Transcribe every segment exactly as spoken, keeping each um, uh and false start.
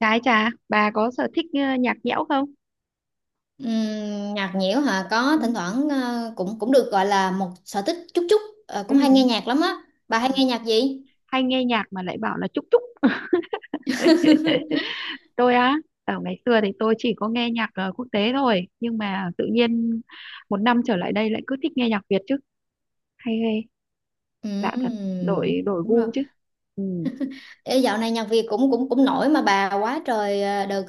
Trái trà, bà có sở thích ờ, nhạc nhẽo không? Ừm, nhạc nhiễu hả, có Ừ. thỉnh thoảng, ờ, cũng cũng được gọi là một sở thích chút chút. Ờ, cũng hay nghe Ừ. nhạc lắm á. Ừ. Bà hay nghe nhạc gì? Hay nghe nhạc mà lại bảo là chúc chúc. Tôi á, ở ngày xưa thì tôi chỉ có nghe nhạc ờ, quốc tế thôi, nhưng mà tự nhiên một năm trở lại đây lại cứ thích nghe nhạc Việt chứ. Hay ghê, lạ thật, Ừm, đổi đổi đúng rồi. gu chứ. Ừ. Ê, dạo này nhạc Việt cũng cũng cũng nổi mà bà, quá trời. ờ, đợt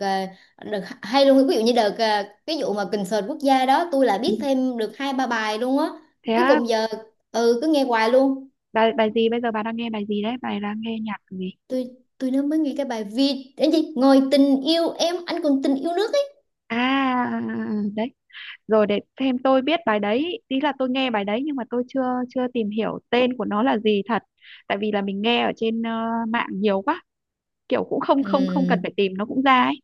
ờ, đợt hay luôn, ví dụ như đợt ờ, cái vụ mà concert quốc gia đó, tôi lại Ừ. biết thêm được hai ba bài luôn á. Thế Cuối á, cùng giờ ừ cứ nghe hoài luôn. bài bài gì bây giờ bà đang nghe bài gì đấy? Bà đang nghe nhạc gì? Tôi tôi nó mới nghe cái bài Vi đến gì ngồi tình yêu em anh còn tình yêu nước ấy. À, đấy, rồi để thêm tôi biết bài đấy, ý là tôi nghe bài đấy nhưng mà tôi chưa chưa tìm hiểu tên của nó là gì thật. Tại vì là mình nghe ở trên ờ, mạng nhiều quá, kiểu cũng không không không cần Ừ, phải tìm nó cũng ra ấy.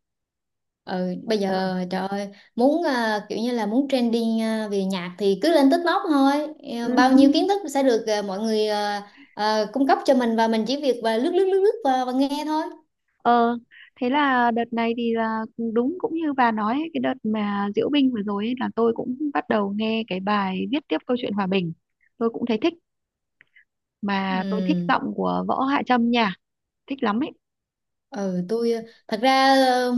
ừ, bây ờ giờ trời ơi, muốn, à, kiểu như là muốn trending, à, về nhạc thì cứ lên TikTok thôi. Ờ, bao nhiêu kiến thức sẽ được, à, mọi người, à, à, cung cấp cho mình và mình chỉ việc và lướt lướt lướt lướt và, và nghe thôi. ờ Thế là đợt này thì là đúng cũng như bà nói ấy, cái đợt mà diễu binh vừa rồi ấy, là tôi cũng bắt đầu nghe cái bài viết tiếp câu chuyện hòa bình. Tôi cũng thấy thích, mà tôi thích giọng Ừ. của Võ Hạ Trâm nha, thích lắm ấy. Ừ, tôi, ờ, thật ra, ờ,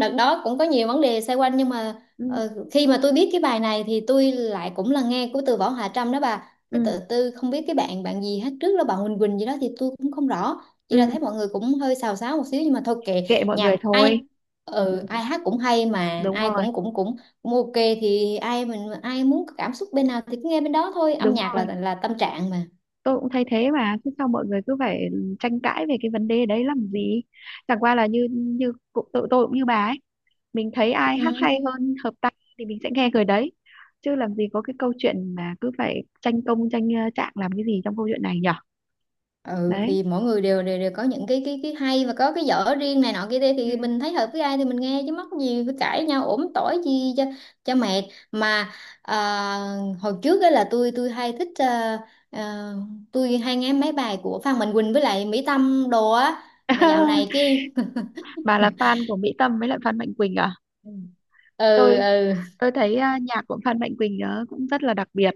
đợt đó cũng có nhiều vấn đề xoay quanh nhưng mà Ừ, ờ, khi mà tôi biết cái bài này thì tôi lại cũng là nghe của từ Võ Hạ Trâm đó bà, ừ, cái tự tư không biết cái bạn bạn gì hát trước là bạn Huỳnh Quỳnh gì đó thì tôi cũng không rõ. Chỉ là thấy ừ. mọi người cũng hơi xào xáo một xíu nhưng mà thôi kệ. Kệ mọi người Nhạc ai, thôi. Ừ, ừ, ai hát cũng hay mà đúng ai rồi, cũng cũng cũng cũng ok. Thì ai mình ai muốn cảm xúc bên nào thì cứ nghe bên đó thôi, âm đúng nhạc là rồi. là tâm trạng mà. Tôi cũng thấy thế, mà thế sao mọi người cứ phải tranh cãi về cái vấn đề đấy làm gì? Chẳng qua là như như cụ- tụi tôi cũng như bà ấy, mình thấy ai hát hay Ừ. hơn hợp tai thì mình sẽ nghe người đấy, chứ làm gì có cái câu chuyện mà cứ phải tranh công tranh ờ, trạng làm cái gì trong câu chuyện này nhở. Ừ Đấy. thì mỗi người đều đều, đều có những cái cái cái hay và có cái dở riêng này nọ kia kia, Ừ. thì mình thấy hợp với ai thì mình nghe chứ mắc gì phải cãi nhau ổm tỏi chi cho cho mệt mà. À, hồi trước ấy là tôi tôi hay thích, à, à, tôi hay nghe mấy bài của Phan Mạnh Quỳnh với lại Mỹ Tâm đồ á. Ừ. Mà dạo này cái Bà là fan của Mỹ Tâm với lại Phan Mạnh Quỳnh à? ừ, tôi ừ, tôi thấy à, nhạc của Phan Mạnh Quỳnh ờ, cũng rất là đặc biệt.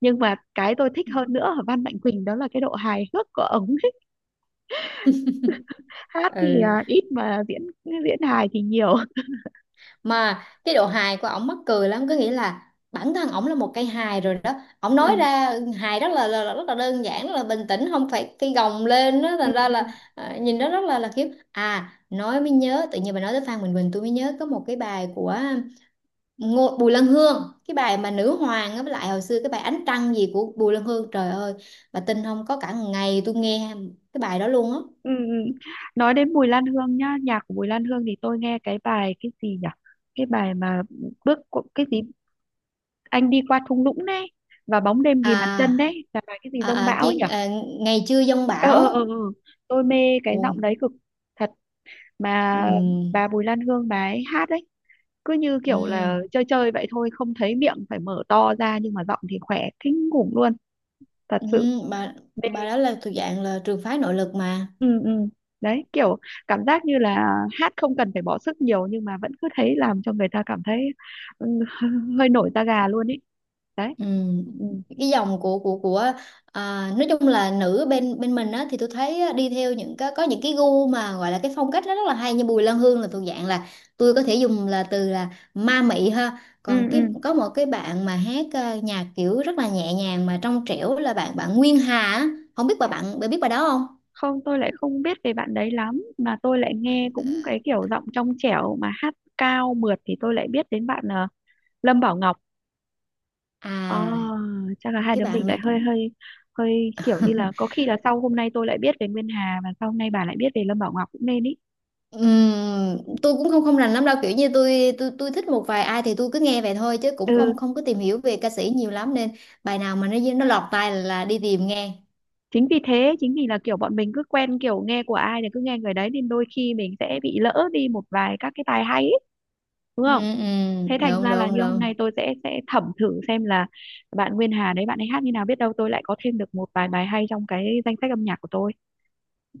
Nhưng mà cái tôi thích hơn nữa ở Phan Mạnh Quỳnh đó là cái độ hài hước của ống, hát thì ừ à ít, mà diễn diễn hài thì nhiều. mà cái độ hài của ổng mắc cười lắm, có nghĩa là bản thân ổng là một cây hài rồi đó. Ổng Ừ. nói ra hài rất là, là, là rất là đơn giản, rất là bình tĩnh, không phải cái gồng lên đó, Ừ, thành ra ừ, là à, nhìn nó rất là là khiếp. à nói mới nhớ, tự nhiên bà nói tới Phan Bình Bình tôi mới nhớ có một cái bài của Ngô, Bùi Lan Hương, cái bài mà nữ hoàng á, với lại hồi xưa cái bài ánh trăng gì của Bùi Lan Hương trời ơi, bà tin không, có cả ngày tôi nghe cái bài đó luôn á. ừ. Ừ. Nói đến Bùi Lan Hương nhá, nhạc của Bùi Lan Hương thì tôi nghe cái bài cái gì nhỉ, cái bài mà bước qua- cái gì, anh đi qua thung lũng đấy và bóng đêm ghim bàn chân à, đấy, là bài cái gì à, giông à, bão ấy nhỉ. chuyện- à ngày chưa giông ờ ờ ờ bão. ờ. Tôi mê cái Ồ, giọng đấy cực, thật, mà ừ, bà Bùi Lan Hương bà ấy hát đấy cứ như kiểu ừ, là chơi chơi vậy thôi, không thấy miệng phải mở to ra nhưng mà giọng thì khỏe kinh khủng luôn, thật ừ, sự. bà bà đó là thuộc dạng là trường phái nội lực mà. Ừ, ừ. Đấy kiểu cảm giác như là hát không cần phải bỏ sức nhiều nhưng mà vẫn cứ thấy làm cho người ta cảm thấy ừ, hơi nổi da gà luôn ý. Đấy. Ừ. Ừ, Cái dòng của của của, à, nói chung là nữ bên bên mình á thì tôi thấy á, đi theo những cái có những cái gu mà gọi là cái phong cách nó rất là hay, như Bùi Lan Hương là thuộc dạng là tôi có thể dùng là từ là ma mị ha, ừ, còn ừ. cái có một cái bạn mà hát à, nhạc kiểu rất là nhẹ nhàng mà trong trẻo là bạn bạn Nguyên Hà á. Không biết bà bạn bà biết bà đó không? Không, tôi lại không biết về bạn đấy lắm, mà tôi lại nghe cũng cái kiểu giọng trong trẻo mà hát cao mượt thì tôi lại biết đến bạn ờ, Lâm Bảo Ngọc. À, à chắc là hai cái đứa mình bạn lại này. hơi hơi hơi kiểu như là có khi là sau hôm nay tôi lại biết về Nguyên Hà và sau hôm nay bà lại biết về Lâm Bảo Ngọc cũng nên ý. Ừm, tôi cũng không không rành lắm đâu, kiểu như tôi tôi tôi thích một vài ai thì tôi cứ nghe vậy thôi chứ cũng Ừ, không không có tìm hiểu về ca sĩ nhiều lắm nên bài nào mà nó nó lọt tai là, là đi tìm nghe. chính vì thế, chính vì là kiểu bọn mình cứ quen kiểu nghe của ai thì cứ nghe người đấy nên đôi khi mình sẽ bị lỡ đi một vài các cái tài hay ấy, đúng Ừ, không? ừ, Thế thành đúng, ra là đúng, như hôm đúng. nay tôi sẽ sẽ thẩm thử xem là bạn Nguyên Hà đấy bạn ấy hát như nào, biết đâu tôi lại có thêm được một vài bài hay trong cái danh sách âm nhạc của tôi.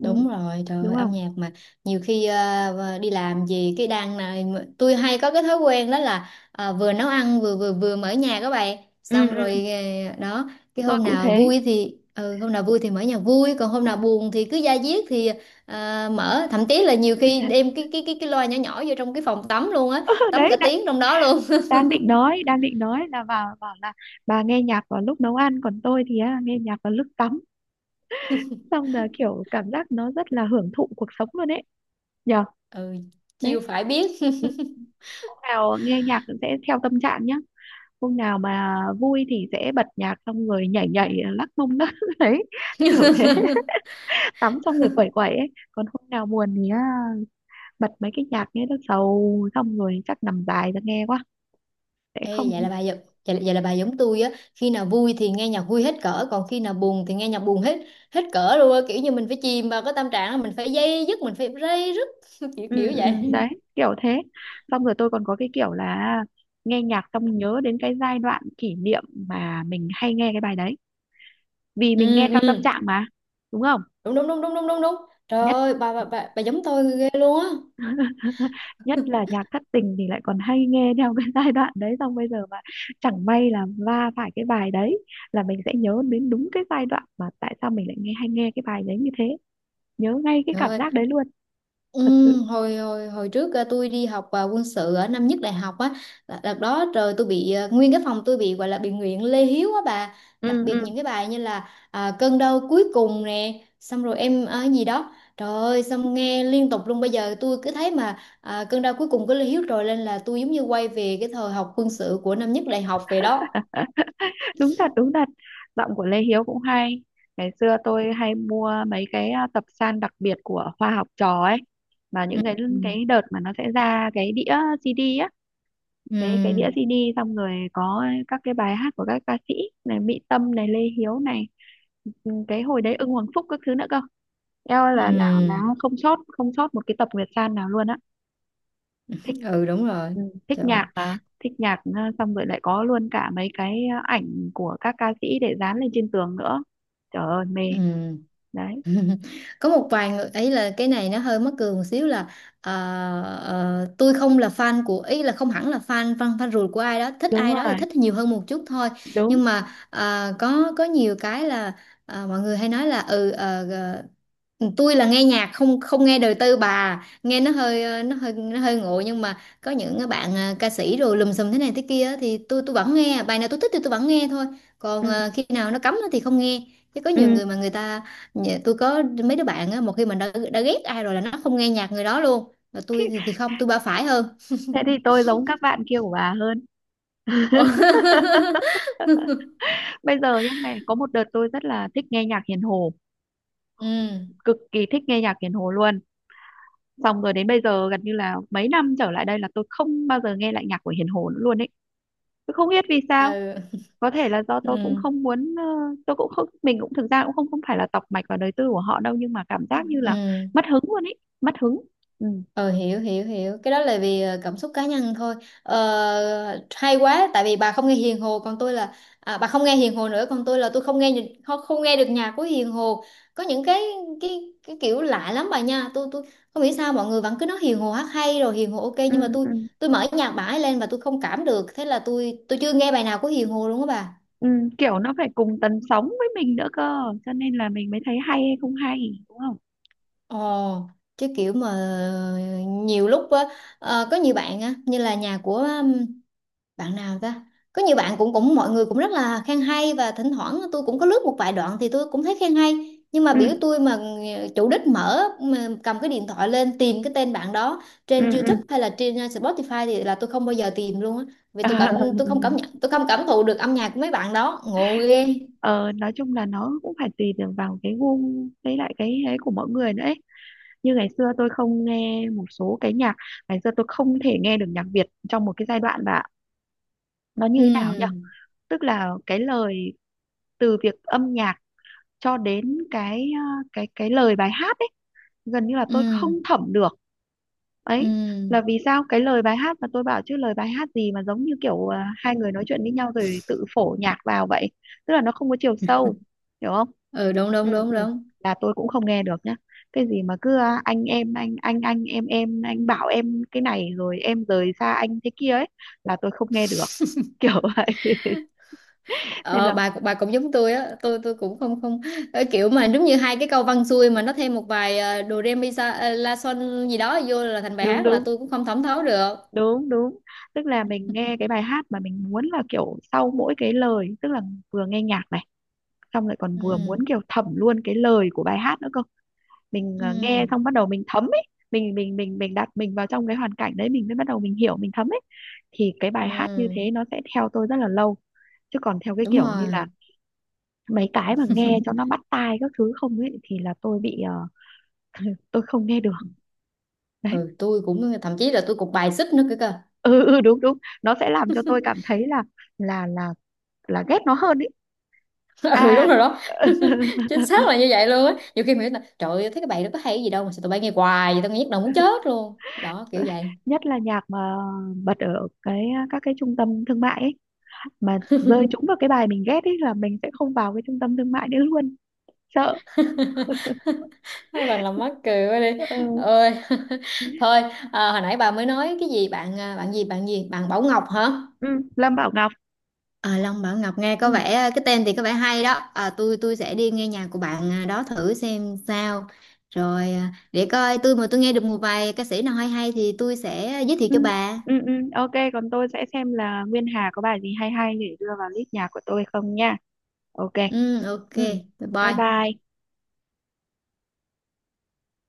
Ừ. rồi, trời Đúng ơi, âm không? nhạc mà nhiều khi ờ, ờ, đi làm gì cái đang này, tôi hay có cái thói quen đó là ờ, vừa nấu ăn vừa vừa vừa mở nhạc các bạn. Ừ, Xong ừ. rồi ờ, đó, cái Tôi hôm cũng nào thế. vui thì ừ, hôm nào vui thì mở nhạc vui, còn hôm Ừ. nào buồn thì cứ da diết thì ờ, mở, thậm chí là nhiều khi đem cái cái cái cái loa nhỏ nhỏ vô trong cái phòng tắm luôn á, tắm cả Đấy đã, tiếng trong đó luôn. đang định nói đang định nói là vào bảo là bà nghe nhạc vào lúc nấu ăn còn tôi thì á, nghe nhạc vào lúc tắm, xong là kiểu cảm giác nó rất là hưởng thụ cuộc sống luôn ấy, nhở. Ừ, Đấy. chiêu phải biết. Ừ, hôm nào nghe nhạc sẽ theo tâm trạng nhá, hôm nào mà vui thì sẽ bật nhạc xong rồi nhảy nhảy lắc mông đó đấy, kiểu thế, tắm xong rồi quẩy quẩy ấy. Còn hôm nào buồn thì à, bật mấy cái nhạc nghe nó sầu xong rồi chắc nằm dài ra nghe quá sẽ Ê, vậy không. là bà giống vậy, là- vậy là bà giống tôi á, khi nào vui thì nghe nhạc vui hết cỡ còn khi nào buồn thì nghe nhạc buồn hết hết cỡ luôn á, kiểu như mình phải chìm vào cái tâm trạng, mình phải dây dứt, mình phải dây dứt. kiểu Ừ, kiểu ừ. vậy. Đấy kiểu thế. Xong rồi tôi còn có cái kiểu là à, nghe nhạc xong nhớ đến cái giai đoạn kỷ niệm mà mình hay nghe cái bài đấy, vì Ừ, mình nghe theo tâm ừ, trạng mà, đúng không? đúng, đúng, đúng, đúng, đúng, đúng, đúng. Trời Nhất ơi, bà bà bà, bà giống tôi ghê luôn á. nhất là nhạc thất tình thì lại còn hay nghe theo cái giai đoạn đấy, xong bây giờ mà chẳng may là va phải cái bài đấy là mình sẽ nhớ đến đúng cái giai đoạn mà tại sao mình lại nghe hay nghe cái bài đấy như thế, nhớ ngay cái Trời cảm ơi, giác đấy luôn, ừ, thật sự. hồi hồi hồi trước ờ, tôi đi học ờ, quân sự ở năm nhất đại học á, là- đợt đó trời tôi bị ờ, nguyên cái phòng tôi bị gọi là bị nguyện Lê Hiếu á bà, đặc Ừ, biệt ừ. những cái bài như là à, cơn đau cuối cùng nè xong rồi em ờ, gì đó trời ơi xong nghe liên tục luôn. Bây giờ tôi cứ thấy mà à, cơn đau cuối cùng của Lê Hiếu rồi lên là tôi giống như quay về cái thời học quân sự của năm nhất đại học về đó. Đúng thật, đúng thật. Giọng của Lê Hiếu cũng hay. Ngày xưa tôi hay mua mấy cái à, tập san đặc biệt của Hoa Học Trò ấy, mà Ừ, những cái cái đợt mà nó sẽ ra cái đĩa xê đê, cái cái ừ, đĩa xi đi xong rồi có các cái bài hát của các ca sĩ, này Mỹ Tâm này Lê Hiếu này. Ừ, cái hồi đấy Ưng Hoàng Phúc các thứ nữa cơ. Eo, ừ, là là là ừ, không sót, không sót một cái tập Nguyệt San nào luôn á. Thích. ừ, đúng rồi Ừ, thích trời nhạc mà, thích nhạc ờ, xong rồi lại có luôn cả mấy cái ờ, ảnh của các ca sĩ để dán lên trên tường nữa. Trời ơi mê. ừ. Đấy. Có một vài người ấy là cái này nó hơi mắc cười một xíu là ờ, ờ, tôi không là fan của ý là không hẳn là fan fan fan ruột của ai đó, thích Đúng ai đó thì rồi. thích nhiều hơn một chút thôi, Đúng. nhưng mà ờ, có có nhiều cái là ờ, mọi người hay nói là ừ ờ, ừ, tôi là nghe nhạc không không nghe đời tư bà, nghe nó hơi ờ, nó hơi nó hơi ngộ, nhưng mà có những cái bạn ờ, ca sĩ rồi lùm xùm thế này thế kia á thì tôi tôi vẫn nghe bài nào tôi thích thì tôi vẫn nghe thôi. Còn ờ, khi nào nó cấm á thì không nghe, chứ có nhiều người mà người ta nhà- tôi có mấy đứa bạn á, một khi mà đã, đã ghét ai rồi là nó không nghe nhạc người đó luôn, mà tôi thì thì không, tôi ba phải hơn. Thế thì tôi giống các bạn kia của bà hơn. Bây giờ nhá, ngày có một đợt tôi rất là thích nghe nhạc Hiền Hồ, Ừ, cực kỳ thích nghe nhạc Hiền Hồ luôn, xong rồi đến bây giờ gần như là mấy năm trở lại đây là tôi không bao giờ nghe lại nhạc của Hiền Hồ nữa luôn ấy. Tôi không biết vì sao, ừ, có thể là do tôi cũng ừ, không muốn ờ, tôi cũng không, mình cũng thực ra cũng không không phải là tọc mạch vào đời tư của họ đâu, nhưng mà cảm giác như là ừ. mất hứng luôn ấy, mất hứng. Ừ. Ờ hiểu hiểu hiểu cái đó là vì ờ, cảm xúc cá nhân thôi. Ờ, hay quá, tại vì bà không nghe Hiền Hồ còn tôi là, à, bà không nghe Hiền Hồ nữa, còn tôi là tôi không nghe nhị- không, không nghe được nhạc của Hiền Hồ. Có những cái cái cái kiểu lạ lắm bà nha, tôi tôi không hiểu sao mọi người vẫn cứ nói Hiền Hồ hát hay rồi Hiền Hồ ok, Ừ, nhưng mà tôi ừ. tôi mở nhạc bà ấy lên và tôi không cảm được, thế là tôi tôi chưa nghe bài nào của Hiền Hồ luôn á bà. Ừ, kiểu nó phải cùng tần sóng với mình nữa cơ, cho nên là mình mới thấy hay hay không hay, đúng không? Ồ, chứ kiểu mà nhiều lúc á, ờ, có nhiều bạn á như là nhà của bạn nào ta, có nhiều bạn cũng cũng mọi người cũng rất là khen hay, và thỉnh thoảng tôi cũng có lướt một vài đoạn thì tôi cũng thấy khen hay, nhưng mà Ừ, biểu tôi mà ờ, chủ đích mở mà cầm cái điện thoại lên tìm cái tên bạn đó ừ, trên ừ. YouTube hay là trên ờ, Spotify thì là tôi không bao giờ tìm luôn á. Vì tôi cảm, tôi không cảm nhận, tôi không cảm thụ được âm nhạc của mấy bạn đó ngộ ghê. ờ, nói chung là nó cũng phải tùy được vào cái gu với lại cái ấy của mỗi người nữa ấy. Như ngày xưa tôi không nghe một số cái nhạc. Ngày xưa tôi không thể nghe được nhạc Việt trong một cái giai đoạn, và nó như thế nào nhỉ, Ừ, tức là cái lời, từ việc âm nhạc cho đến cái ờ, cái cái lời bài hát ấy, gần như là ừ, tôi không thẩm được ừ, ấy. Là vì sao, cái lời bài hát mà tôi bảo chứ lời bài hát gì mà giống như kiểu à, hai người nói chuyện với nhau rồi tự phổ nhạc vào vậy, tức là nó không có chiều sâu, hiểu không? ừ, đúng, đúng, Ừ, đúng, ừ. đúng. Là tôi cũng không nghe được nhá, cái gì mà cứ à, anh em anh anh anh em em anh bảo em cái này rồi em rời xa anh thế kia ấy, là tôi không nghe được. Kiểu vậy nên Ờ, là. bà bà cũng giống tôi á, tôi tôi cũng không không, ờ, kiểu mà giống như hai cái câu văn xuôi mà nó thêm một vài ờ, do re mi sa ờ, la son gì đó vô là thành bài Đúng, hát là đúng, tôi cũng không thẩm thấu được. đúng, đúng. Tức là mình nghe cái bài hát mà mình muốn là kiểu sau mỗi cái lời, tức là vừa nghe nhạc này xong lại còn vừa muốn Ừ, kiểu thẩm luôn cái lời của bài hát nữa cơ. Mình ờ, nghe ừ, xong bắt đầu mình thấm ấy, mình mình mình mình đặt mình vào trong cái hoàn cảnh đấy mình mới bắt đầu mình hiểu mình thấm ấy, thì cái bài hát như thế ừ, nó sẽ theo tôi rất là lâu. Chứ còn theo cái đúng kiểu như rồi. là mấy cái mà nghe cho nó bắt tai các thứ không ấy thì là tôi bị ờ, tôi không nghe được. Đấy. Ừ, tôi cũng thậm chí là tôi cũng bài xích nữa cơ cơ. Ừ, ừ. Đúng, đúng. Nó sẽ làm cho tôi cảm thấy là là là là ghét nó hơn ý. Ừ, À. đúng rồi đó. Chính xác là như vậy luôn á, nhiều khi mình nghĩ là trời ơi thấy cái bài đó có hay gì đâu mà sao tụi bay nghe hoài vậy, tao nghe nhức đầu muốn chết luôn đó, kiểu vậy. Nhất là nhạc mà bật ở cái các cái trung tâm thương mại ấy, mà rơi trúng vào cái bài mình ghét ấy là mình sẽ không vào cái trung tâm thương mại nữa luôn, sợ. Thật là mắc cười quá đi Ờ. ơi. Thôi, à, hồi nãy bà mới nói cái gì bạn, à, bạn gì bạn gì bạn Bảo Ngọc hả? Ừ. Lâm Bảo Ngọc. à, Long Bảo Ngọc nghe Ừ. có vẻ, à, cái tên thì có vẻ hay đó, à, tôi tôi sẽ đi nghe nhạc của bạn, à, đó thử xem sao. Rồi, à, để coi tôi mà tôi nghe được một vài ca sĩ nào hay hay thì tôi sẽ, à, giới thiệu Ừ. cho bà. Ừ. Ừ. Ok, còn tôi sẽ xem là Nguyên Hà có bài gì hay hay để đưa vào list nhạc của tôi không nha. Ok. Ừ, ok. Ừ. Bye Bye bye. bye.